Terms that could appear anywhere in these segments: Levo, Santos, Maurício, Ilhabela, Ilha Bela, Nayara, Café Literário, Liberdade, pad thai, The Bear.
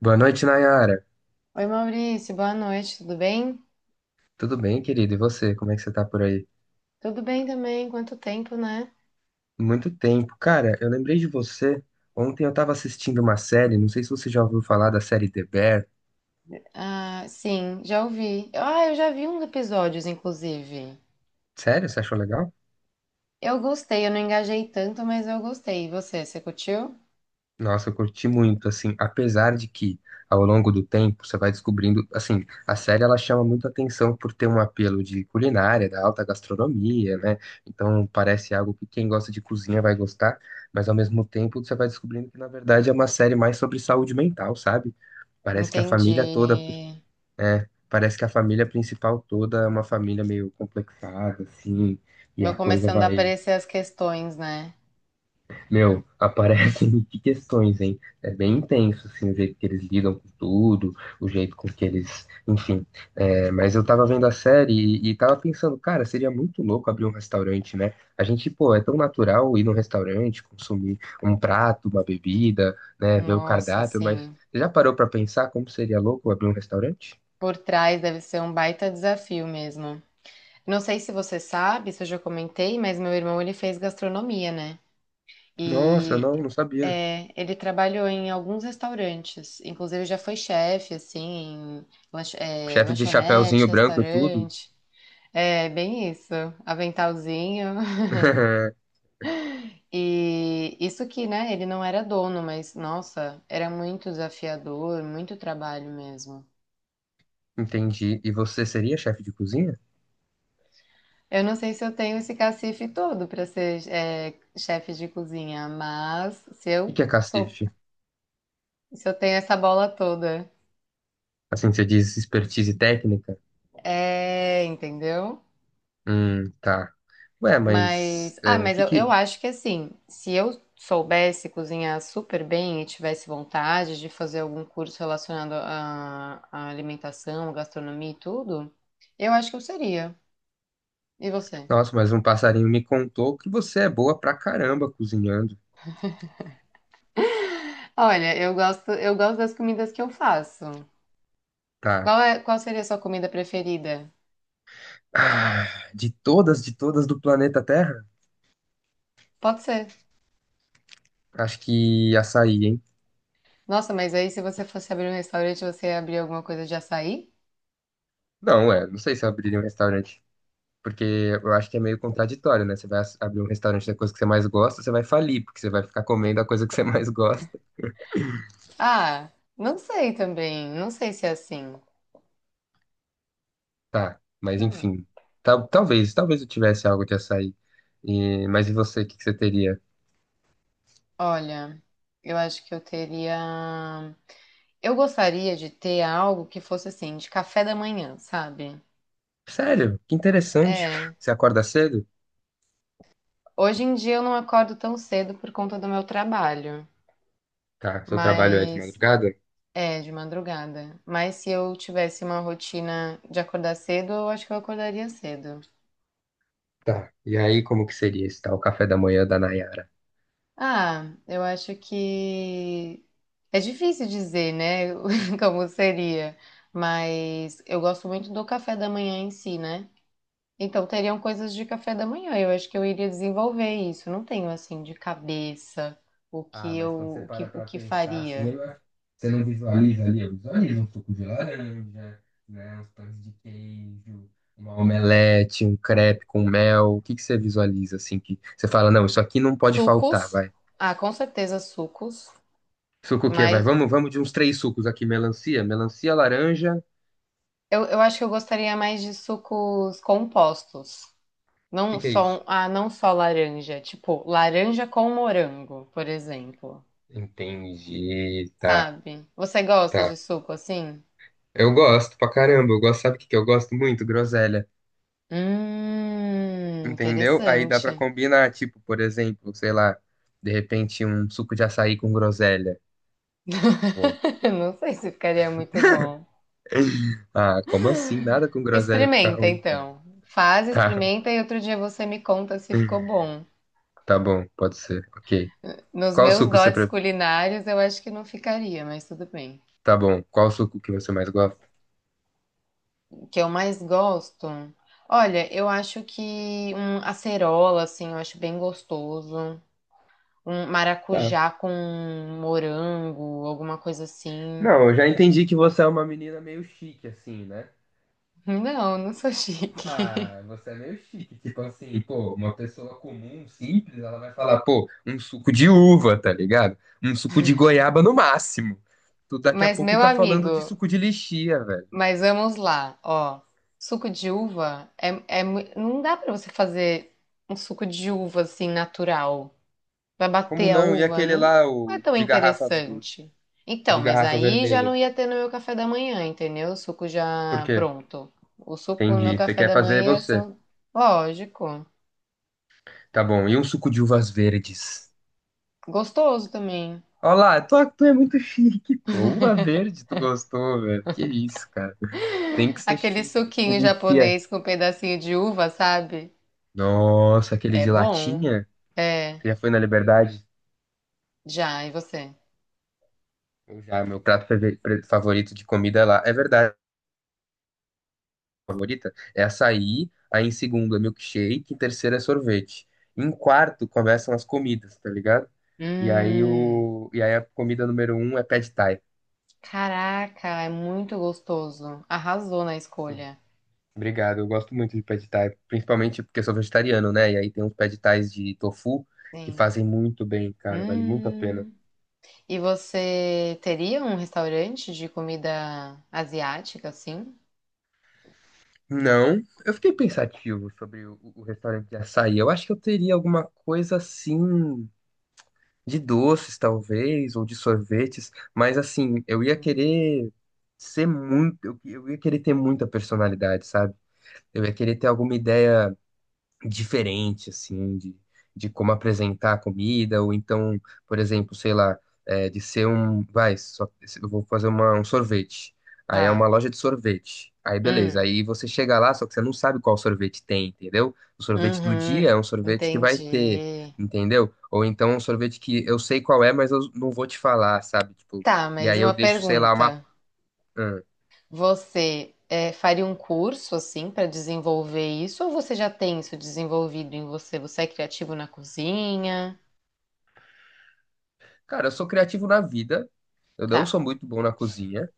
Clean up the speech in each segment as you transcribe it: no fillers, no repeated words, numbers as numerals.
Boa noite, Nayara. Oi, Maurício, boa noite, tudo bem? Tudo bem, querido? E você? Como é que você tá por aí? Tudo bem também, quanto tempo, né? Muito tempo. Cara, eu lembrei de você. Ontem eu tava assistindo uma série, não sei se você já ouviu falar da série The Bear. Ah, sim, já ouvi. Ah, eu já vi uns episódios, inclusive. Sério? Você achou legal? Eu gostei, eu não engajei tanto, mas eu gostei. E você, curtiu? Nossa, eu curti muito, assim, apesar de que ao longo do tempo você vai descobrindo, assim, a série ela chama muito atenção por ter um apelo de culinária, da alta gastronomia, né? Então parece algo que quem gosta de cozinha vai gostar, mas ao mesmo tempo você vai descobrindo que na verdade é uma série mais sobre saúde mental, sabe? Parece que a Entendi. família toda, é, parece que a família principal toda é uma família meio complexada, assim, e Vão a coisa começando a vai, aparecer as questões, né? meu, aparecem de questões, hein? É bem intenso, assim, o jeito que eles lidam com tudo, o jeito com que eles, enfim. É, mas eu tava vendo a série e tava pensando, cara, seria muito louco abrir um restaurante, né? A gente, pô, é tão natural ir num restaurante, consumir um prato, uma bebida, né, ver o Nossa, cardápio, mas sim. você já parou pra pensar como seria louco abrir um restaurante? Por trás deve ser um baita desafio mesmo. Não sei se você sabe, se eu já comentei, mas meu irmão ele fez gastronomia, né? Nossa, não, E não sabia. é, ele trabalhou em alguns restaurantes, inclusive já foi chefe, assim, em Chefe de lanchonete, chapéuzinho branco e tudo. restaurante. É bem isso, aventalzinho. E isso que, né, ele não era dono, mas nossa, era muito desafiador, muito trabalho mesmo. Entendi. E você seria chefe de cozinha? Eu não sei se eu tenho esse cacife todo para ser chefe de cozinha, mas se O eu que é sou, cacife? se eu tenho essa bola toda, Assim, você diz expertise técnica? é, entendeu? Tá. Ué, Mas, mas ah, é, mas eu que... acho que assim, se eu soubesse cozinhar super bem e tivesse vontade de fazer algum curso relacionado à alimentação, gastronomia e tudo, eu acho que eu seria. E você? Nossa, mas um passarinho me contou que você é boa pra caramba cozinhando. Olha, eu gosto das comidas que eu faço. Tá. Qual é, qual seria a sua comida preferida? Ah, de todas do planeta Terra? Pode ser. Acho que açaí, hein? Nossa, mas aí se você fosse abrir um restaurante, você ia abrir alguma coisa de açaí? Não, é, não sei se eu abriria um restaurante. Porque eu acho que é meio contraditório, né? Você vai abrir um restaurante da coisa que você mais gosta, você vai falir, porque você vai ficar comendo a coisa que você mais gosta. Ah, não sei também. Não sei se é assim. Tá, mas Hum. enfim. Talvez, talvez eu tivesse algo de açaí. E, mas e você, o que que você teria? Olha, eu acho que eu teria. Eu gostaria de ter algo que fosse assim, de café da manhã, sabe? Sério, que interessante. É. Você acorda cedo? Hoje em dia eu não acordo tão cedo por conta do meu trabalho, Tá, seu trabalho é de mas madrugada? é de madrugada. Mas se eu tivesse uma rotina de acordar cedo, eu acho que eu acordaria cedo. Tá. E aí, como que seria esse tal café da manhã da Nayara? Ah, eu acho que é difícil dizer, né, como seria, mas eu gosto muito do café da manhã em si, né? Então, teriam coisas de café da manhã. Eu acho que eu iria desenvolver isso. Não tenho assim de cabeça o Ah, que mas quando você eu para o pra que pensar assim, faria. eu acho, você não visualiza ali? Eu visualizo um suco de laranja, né, uns pães de queijo, uma omelete, um crepe com mel. O que que você visualiza assim que você fala, não, isso aqui não pode faltar, Sucos. vai. Ah, com certeza sucos. Suco o quê? Vai, Mas vamos, vamos de uns três sucos aqui, melancia, melancia, laranja. O eu acho que eu gostaria mais de sucos compostos. Não que que é isso? só, ah, não só laranja. Tipo, laranja com morango, por exemplo. Entendi, tá, Sabe? Você gosta de tá. suco assim? Eu gosto pra caramba, eu gosto, sabe o que que eu gosto muito? Groselha. Entendeu? Aí dá pra Interessante. combinar, tipo, por exemplo, sei lá, de repente um suco de açaí com groselha. Pô, Não sei se ficaria muito bom. ah, como assim? Nada com groselha fica Experimenta ruim, cara. então. Faz, Tá, experimenta e outro dia você me conta se ficou bom. tá bom, pode ser. Ok. Nos Qual meus suco você dotes pre... culinários, eu acho que não ficaria, mas tudo bem. Tá bom, qual suco que você mais gosta? O que eu mais gosto? Olha, eu acho que um acerola, assim, eu acho bem gostoso. Um Tá. maracujá com morango, alguma coisa assim. Não, eu já entendi que você é uma menina meio chique, assim, né? Não, não sou chique. Ah, você é meio chique. Tipo assim, pô, uma pessoa comum, simples, ela vai falar, pô, um suco de uva, tá ligado? Um suco de goiaba no máximo. Tu daqui a Mas, pouco meu tá falando de amigo, suco de lixia, velho. mas vamos lá, ó. Suco de uva não dá pra você fazer um suco de uva assim natural. Vai Como bater a não? E uva, aquele não lá, é tão o interessante. de Então, mas garrafa aí já vermelha? não ia ter no meu café da manhã, entendeu? O suco Por já quê? pronto. O suco no meu Entendi. Você café quer da fazer manhã ia ser você. um... lógico, Tá bom. E um suco de uvas verdes? gostoso também. Olha lá, tu é muito chique, pô. Uva verde, tu gostou, velho. Que isso, cara. Tem que ser Aquele chique, tem que ser suquinho lixia. japonês com um pedacinho de uva, sabe? Nossa, aquele É de bom. latinha? É, Você já foi na Liberdade? já, e você? Eu já, meu prato favorito de comida é lá. É verdade, favorita? É açaí, aí em segundo é milkshake, em terceiro é sorvete. Em quarto começam as comidas, tá ligado? E aí, Hum. E aí a comida número um é pad thai. Caraca, é muito gostoso. Arrasou na Sim. escolha. Obrigado, eu gosto muito de pad thai, principalmente porque eu sou vegetariano, né? E aí tem uns pad thais de tofu que Sim. fazem muito bem, cara, vale muito a pena. Hum. E você teria um restaurante de comida asiática, assim? Não, eu fiquei pensativo sobre o restaurante de açaí. Eu acho que eu teria alguma coisa assim, de doces talvez, ou de sorvetes, mas assim, eu ia Hum. querer ser muito, eu ia querer ter muita personalidade, sabe? Eu ia querer ter alguma ideia diferente, assim, de como apresentar a comida, ou então, por exemplo, sei lá, é, de ser um. Vai, só, eu vou fazer uma, um sorvete. Aí é uma Tá. loja de sorvete. Aí beleza, Hum. aí você chega lá, só que você não sabe qual sorvete tem, entendeu? O sorvete do Uhum. dia é um sorvete que vai ter, Entendi. entendeu? Ou então um sorvete que eu sei qual é, mas eu não vou te falar, sabe? Tipo, Tá, e mas aí uma eu deixo, sei lá, uma. pergunta. Hum. Você é, faria um curso, assim, para desenvolver isso? Ou você já tem isso desenvolvido em você? Você é criativo na cozinha? Cara, eu sou criativo na vida, eu Tá. não sou muito bom na cozinha.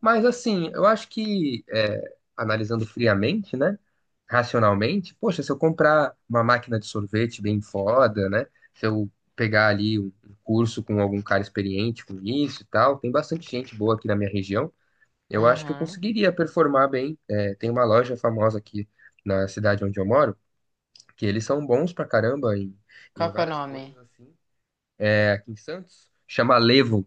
Mas assim, eu acho que, é, analisando friamente, né? Racionalmente, poxa, se eu comprar uma máquina de sorvete bem foda, né? Se eu pegar ali um curso com algum cara experiente com isso e tal, tem bastante gente boa aqui na minha região. Eu acho que eu Uhum. conseguiria performar bem. É, tem uma loja famosa aqui na cidade onde eu moro, que eles são bons pra caramba em, em Qual que é o várias nome? coisas assim. É, aqui em Santos, chama Levo,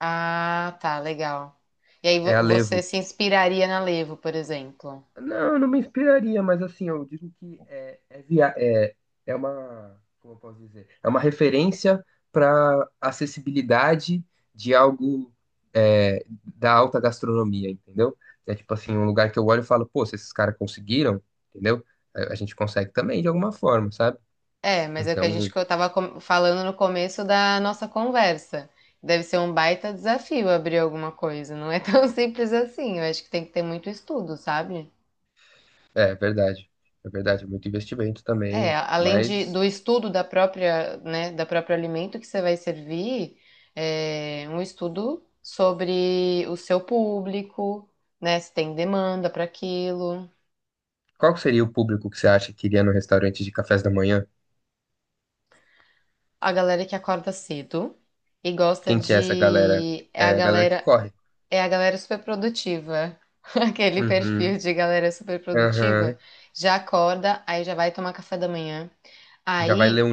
Ah, tá, legal. E aí é a você Levo. se inspiraria na Levo, por exemplo. Não, não me inspiraria, mas assim, eu digo que é, é, é, é uma, como eu posso dizer, é uma referência para acessibilidade de algo é, da alta gastronomia, entendeu? É tipo assim, um lugar que eu olho e falo, pô, se esses caras conseguiram, entendeu? A gente consegue também de alguma forma, sabe? É, mas é o que a gente Então, tava falando no começo da nossa conversa. Deve ser um baita desafio abrir alguma coisa. Não é tão simples assim. Eu acho que tem que ter muito estudo, sabe? é verdade, é verdade, é muito investimento É, também, além de, mas do estudo da própria, né, da próprio alimento que você vai servir, é um estudo sobre o seu público, né, se tem demanda para aquilo. qual que seria o público que você acha que iria no restaurante de cafés da manhã? A galera que acorda cedo e gosta Quem que é essa galera? de É a galera que corre. é a galera super produtiva. Aquele perfil Uhum, de galera super produtiva aham. já acorda, aí já vai tomar café da manhã. Já vai ler Aí um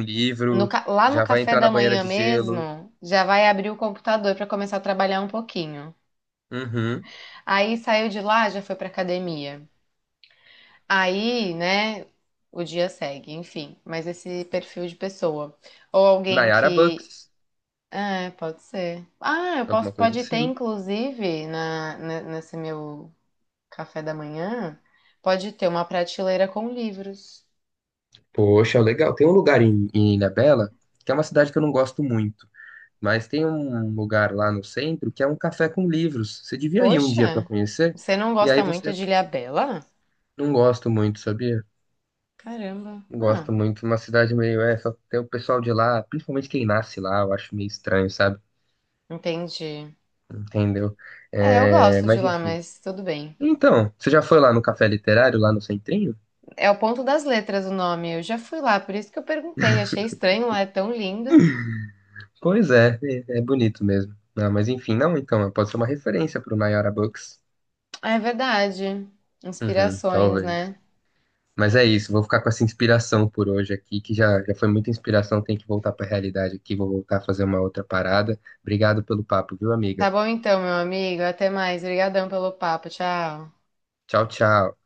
no livro, lá no já vai café entrar na da banheira manhã de gelo. mesmo, já vai abrir o computador para começar a trabalhar um pouquinho. Uhum. Aí saiu de lá, já foi para academia. Aí, né, o dia segue, enfim, mas esse perfil de pessoa ou alguém Nayara que Bucks, É, pode ser. Ah, eu alguma posso, coisa pode ter, assim. inclusive, nesse meu café da manhã, pode ter uma prateleira com livros. Poxa, legal. Tem um lugar em, em Ilha Bela que é uma cidade que eu não gosto muito, mas tem um lugar lá no centro que é um café com livros. Você devia ir um dia pra Poxa, conhecer, você não e aí gosta muito você de Ilhabela? não gosto muito, sabia? Caramba. Não Ah, gosto muito. Uma cidade meio essa, tem o pessoal de lá, principalmente quem nasce lá, eu acho meio estranho, sabe? entendi. Entendeu? É, eu É, gosto de mas lá, enfim. mas tudo bem. Então, você já foi lá no Café Literário, lá no Centrinho? É o Ponto das Letras o nome. Eu já fui lá, por isso que eu perguntei. Achei estranho lá, é tão lindo. Pois é, é, é bonito mesmo. Ah, mas enfim, não, então, pode ser uma referência pro Nayara Books. É verdade. Uhum, Inspirações, talvez. né? Mas é isso, vou ficar com essa inspiração por hoje aqui, que já, já foi muita inspiração, tem que voltar pra realidade aqui, vou voltar a fazer uma outra parada. Obrigado pelo papo, viu, Tá amiga? bom então, meu amigo. Até mais. Obrigadão pelo papo. Tchau. Tchau, tchau.